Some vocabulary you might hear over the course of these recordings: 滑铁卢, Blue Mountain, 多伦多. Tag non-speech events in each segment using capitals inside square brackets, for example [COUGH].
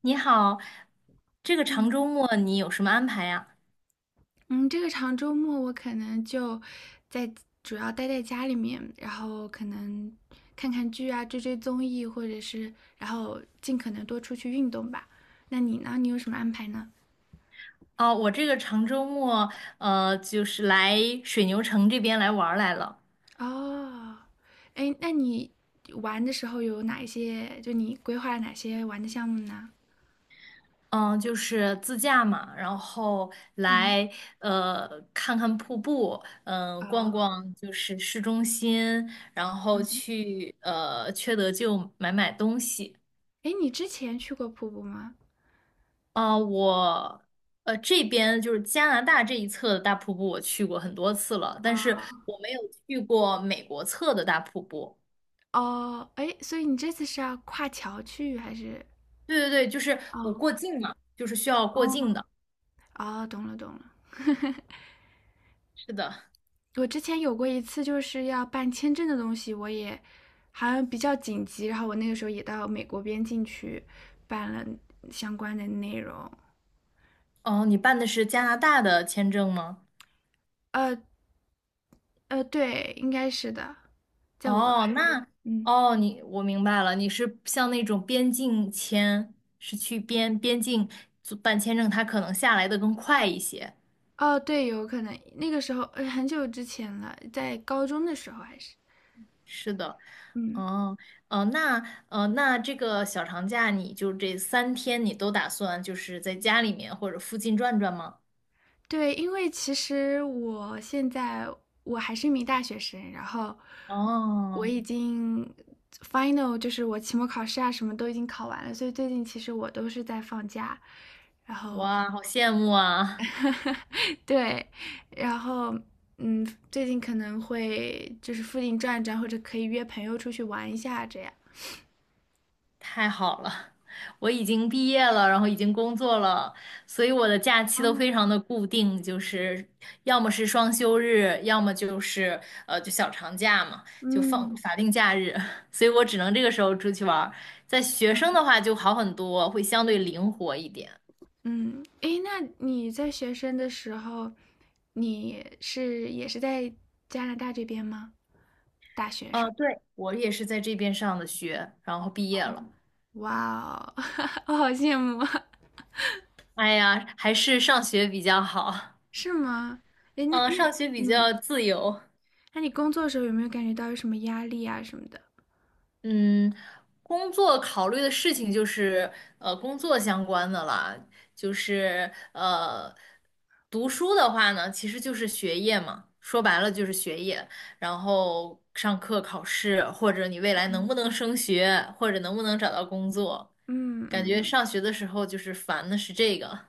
你好，这个长周末你有什么安排呀？嗯，这个长周末我可能就在主要待在家里面，然后可能看看剧啊，追追综艺，或者是然后尽可能多出去运动吧。那你呢？你有什么安排呢？哦，我这个长周末，就是来水牛城这边来玩儿来了。哦，哎，那你玩的时候有哪一些？就你规划了哪些玩的项目呢？嗯，就是自驾嘛，然后嗯，来看看瀑布，嗯、逛哦，逛就是市中心，然后嗯，去缺德就买买东西。哎，你之前去过瀑布吗？啊、我这边就是加拿大这一侧的大瀑布，我去过很多次了，但是啊，我没有去过美国侧的大瀑布。哦，哎，所以你这次是要跨桥去还是？对对对，就是我哦，过境嘛，就是需要过哦，境的。哦，懂了，懂了。是的，我之前有过一次，就是要办签证的东西，我也好像比较紧急，然后我那个时候也到美国边境去办了相关的内容。哦，你办的是加拿大的签证吗？呃对，应该是的，在我哦，那嗯哦，你我明白了，你是像那种边境签，是去边境做办签证，它可能下来的更快一些。哦，对，有可能那个时候很久之前了，在高中的时候还是是的，嗯。哦，那那这个小长假，你就这三天，你都打算就是在家里面或者附近转转吗？对，因为其实我现在我还是一名大学生，然后我哦，已经 final，就是我期末考试啊什么都已经考完了，所以最近其实我都是在放假，然后 哇，好羡慕啊！[LAUGHS] 对，然后嗯，最近可能会就是附近转一转，或者可以约朋友出去玩一下这样。太好了，我已经毕业了，然后已经工作了，所以我的假期都哦，非常的固定，就是要么是双休日，要么就是就小长假嘛，就放嗯。法定假日，[LAUGHS] 所以我只能这个时候出去玩儿。在学生的话就好很多，会相对灵活一点。嗯，诶，那你在学生的时候，你是也是在加拿大这边吗？大学啊，生，对，我也是在这边上的学，然后毕业了。哇哦，[LAUGHS] 我好羡慕啊，哎呀，还是上学比较好，是吗？诶，[LAUGHS] 那嗯，那上学比嗯，较自由。那你工作的时候有没有感觉到有什么压力啊什么的？嗯，工作考虑的事情就是工作相关的啦，就是读书的话呢，其实就是学业嘛，说白了就是学业，然后上课、考试，或者你未来能不能升学，或者能不能找到工作，嗯感觉嗯上学的时候就是烦的是这个，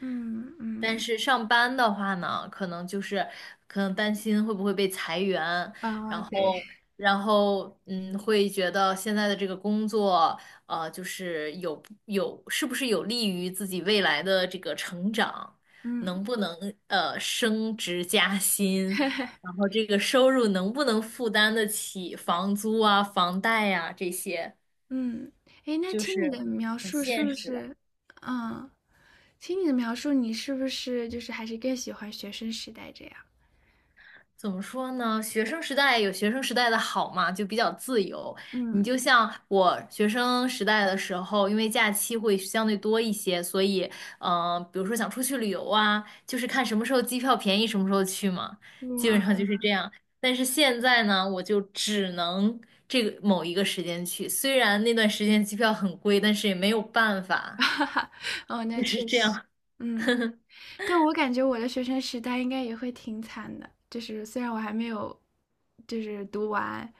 嗯但嗯，是上班的话呢，可能担心会不会被裁员，啊、对，然后，嗯，会觉得现在的这个工作，呃，就是有是不是有利于自己未来的这个成长，嗯 能不能升职加薪，[LAUGHS] 然后这个收入能不能负担得起房租啊、房贷呀、这些，嗯，诶，那就听你是的描很述是现不实了。是，嗯，听你的描述，你是不是就是还是更喜欢学生时代这样？怎么说呢？学生时代有学生时代的好嘛，就比较自由。嗯你就像我学生时代的时候，因为假期会相对多一些，所以，嗯、比如说想出去旅游啊，就是看什么时候机票便宜，什么时候去嘛，基本上哇，就是这样。但是现在呢，我就只能这个某一个时间去，虽然那段时间机票很贵，但是也没有办法，[LAUGHS] 哦，那就确是这实，样。嗯，但我感觉我的学生时代应该也会挺惨的，就是虽然我还没有，就是读完，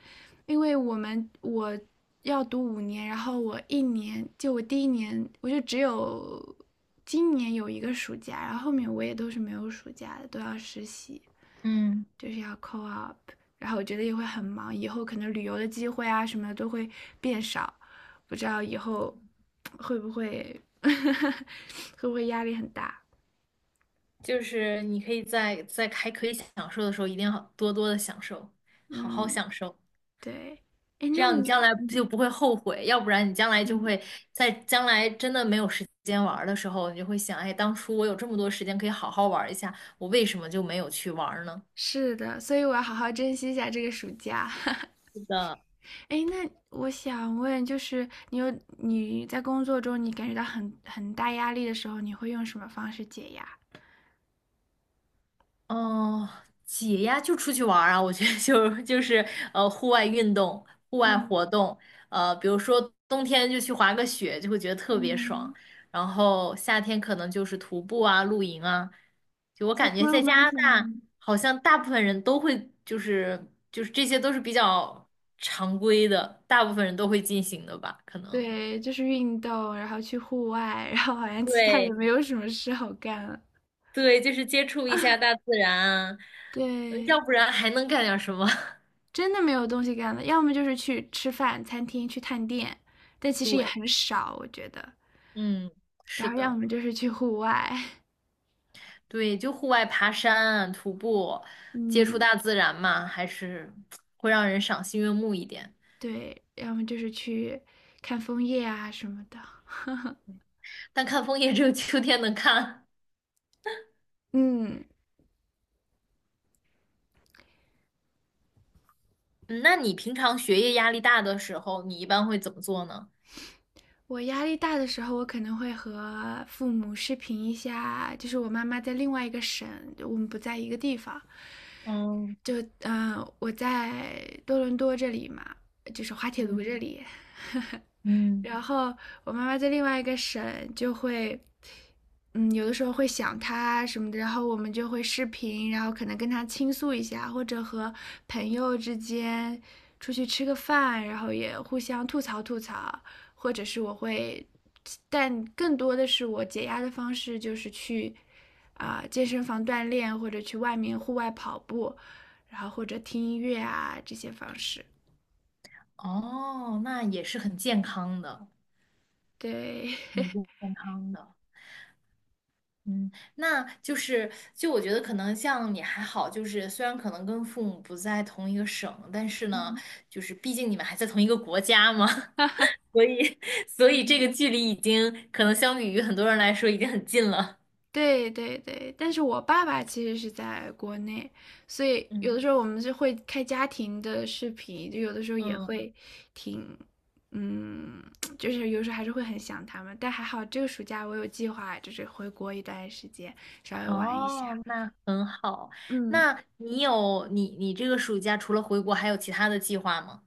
因为我们我要读5年，然后我一年，就我第一年，我就只有今年有1个暑假，然后后面我也都是没有暑假的，都要实习。嗯。就是要 co-op 然后我觉得也会很忙，以后可能旅游的机会啊什么的都会变少，不知道以后会不会 [LAUGHS] 会不会压力很大？就是你可以在还可以享受的时候，一定要多多的享受，好好嗯，享受，对，哎，这那样你你，将来嗯就不会后悔。要不然你将来就嗯，会在将来真的没有时间玩儿的时候，你就会想，哎，当初我有这么多时间可以好好玩儿一下，我为什么就没有去玩儿呢？是的，所以我要好好珍惜一下这个暑假。[LAUGHS] 是的。哎，那我想问，就是你有你在工作中你感觉到很大压力的时候，你会用什么方式解压？哦，解压就出去玩儿啊，我觉得就是户外运动、户外嗯活动，呃，比如说冬天就去滑个雪，就会觉得特别爽。嗯，然后夏天可能就是徒步啊、露营啊。就我在 感觉 Blue 在加拿大，Mountain。好像大部分人都会就是这些都是比较常规的，大部分人都会进行的吧，可能。对，就是运动，然后去户外，然后好像其他也对没有什么事好干了。对，就是接触一下大自然啊，嗯要对，不然还能干点什么？真的没有东西干了，要么就是去吃饭，餐厅去探店，但 [LAUGHS] 其实也对。很少，我觉得。嗯，是然后要的，么就是去户外，对，就户外爬山、徒步，[LAUGHS] 接触嗯，大自然嘛，还是会让人赏心悦目一点。对，要么就是去看枫叶啊什么的。但看枫叶只有秋天能看。嗯，嗯，那你平常学业压力大的时候，你一般会怎么做呢？我压力大的时候，我可能会和父母视频一下，就是我妈妈在另外一个省，我们不在一个地方。嗯就我在多伦多这里嘛，就是滑铁卢嗯这里，[LAUGHS] 嗯，然后我妈妈在另外一个省就会。嗯，有的时候会想她什么的，然后我们就会视频，然后可能跟她倾诉一下，或者和朋友之间出去吃个饭，然后也互相吐槽吐槽，或者是我会，但更多的是我解压的方式就是去健身房锻炼，或者去外面户外跑步，然后或者听音乐啊这些方式。哦，那也是很健康的，对，很 [LAUGHS] 健康的。嗯，那就是，就我觉得可能像你还好，就是虽然可能跟父母不在同一个省，但是呢，嗯就是毕竟你们还在同一个国家嘛，[LAUGHS] 所以所以这个嗯距离已经可能相比于很多人来说已经很近了。对对对，但是我爸爸其实是在国内，所以有的嗯，时候我们就会开家庭的视频，就有的时候也嗯，会挺，嗯，就是有时候还是会很想他们。但还好这个暑假我有计划，就是回国一段时间，稍微玩一下。哦，那很好。嗯，那你有你这个暑假除了回国，还有其他的计划吗？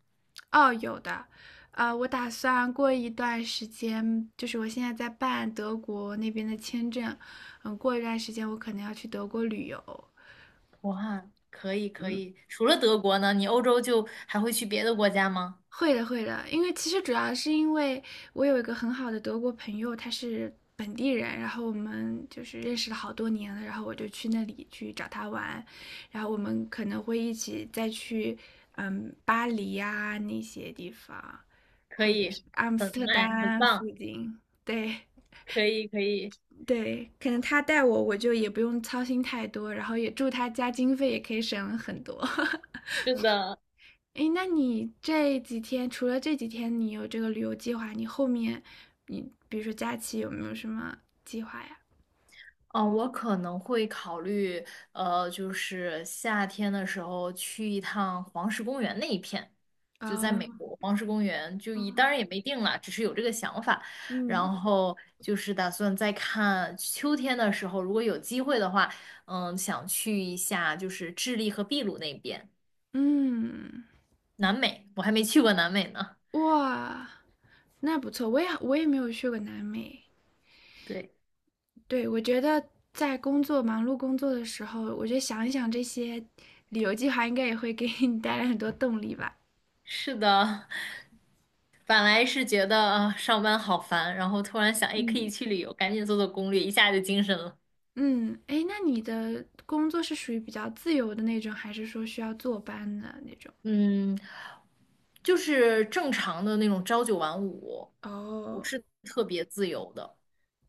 哦，有的，呃，我打算过一段时间，就是我现在在办德国那边的签证，嗯，过一段时间我可能要去德国旅游，哇，可以可嗯，以。除了德国呢，你欧洲就还会去别的国家吗？会的，会的，因为其实主要是因为我有一个很好的德国朋友，他是本地人，然后我们就是认识了好多年了，然后我就去那里去找他玩，然后我们可能会一起再去，嗯，巴黎呀、那些地方，可或者以，是阿姆很 斯特 nice，很丹附棒。近，对。可以可以，对，可能他带我，我就也不用操心太多，然后也住他家，经费也可以省很多。[LAUGHS] 是的，哎，那你这几天除了这几天你有这个旅游计划，你后面你比如说假期有没有什么计划呀？嗯，我可能会考虑，呃，就是夏天的时候去一趟黄石公园那一片，就在啊，美国黄石公园，当然也没定了，只是有这个想法。嗯然后就是打算再看秋天的时候，如果有机会的话，嗯，想去一下就是智利和秘鲁那边，嗯，南美，我还没去过南美呢。哇，那不错，我也没有去过南美。对。对，我觉得在工作忙碌工作的时候，我觉得想一想这些旅游计划，应该也会给你带来很多动力吧。是的，[LAUGHS] 本来是觉得啊上班好烦，然后突然想，哎，可以嗯。去旅游，赶紧做做攻略，一下就精神了。嗯，哎，那你的工作是属于比较自由的那种，还是说需要坐班的那种？嗯，就是正常的那种朝九晚五，不哦，是特别自由的。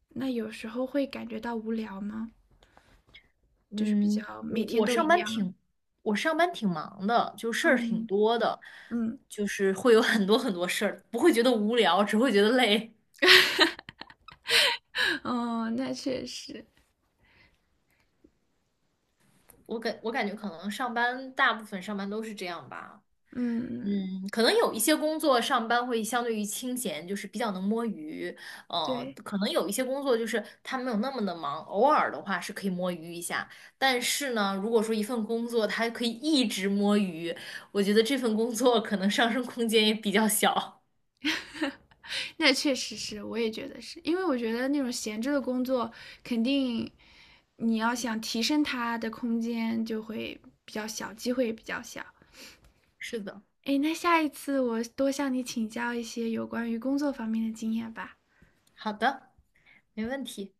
那有时候会感觉到无聊吗？就是比嗯，较每天都一样。我上班挺忙的，就事儿挺嗯多的，嗯，就是会有很多很多事儿，不会觉得无聊，只会觉得累。[LAUGHS] 哦，那确实，我感觉可能上班大部分上班都是这样吧。嗯，嗯，可能有一些工作上班会相对于清闲，就是比较能摸鱼。呃，对。可能有一些工作就是他没有那么的忙，偶尔的话是可以摸鱼一下。但是呢，如果说一份工作它可以一直摸鱼，我觉得这份工作可能上升空间也比较小。[LAUGHS] 那确实是，我也觉得是，因为我觉得那种闲置的工作，肯定你要想提升它的空间就会比较小，机会也比较小。[LAUGHS] 是的，诶，那下一次我多向你请教一些有关于工作方面的经验吧。好的，没问题。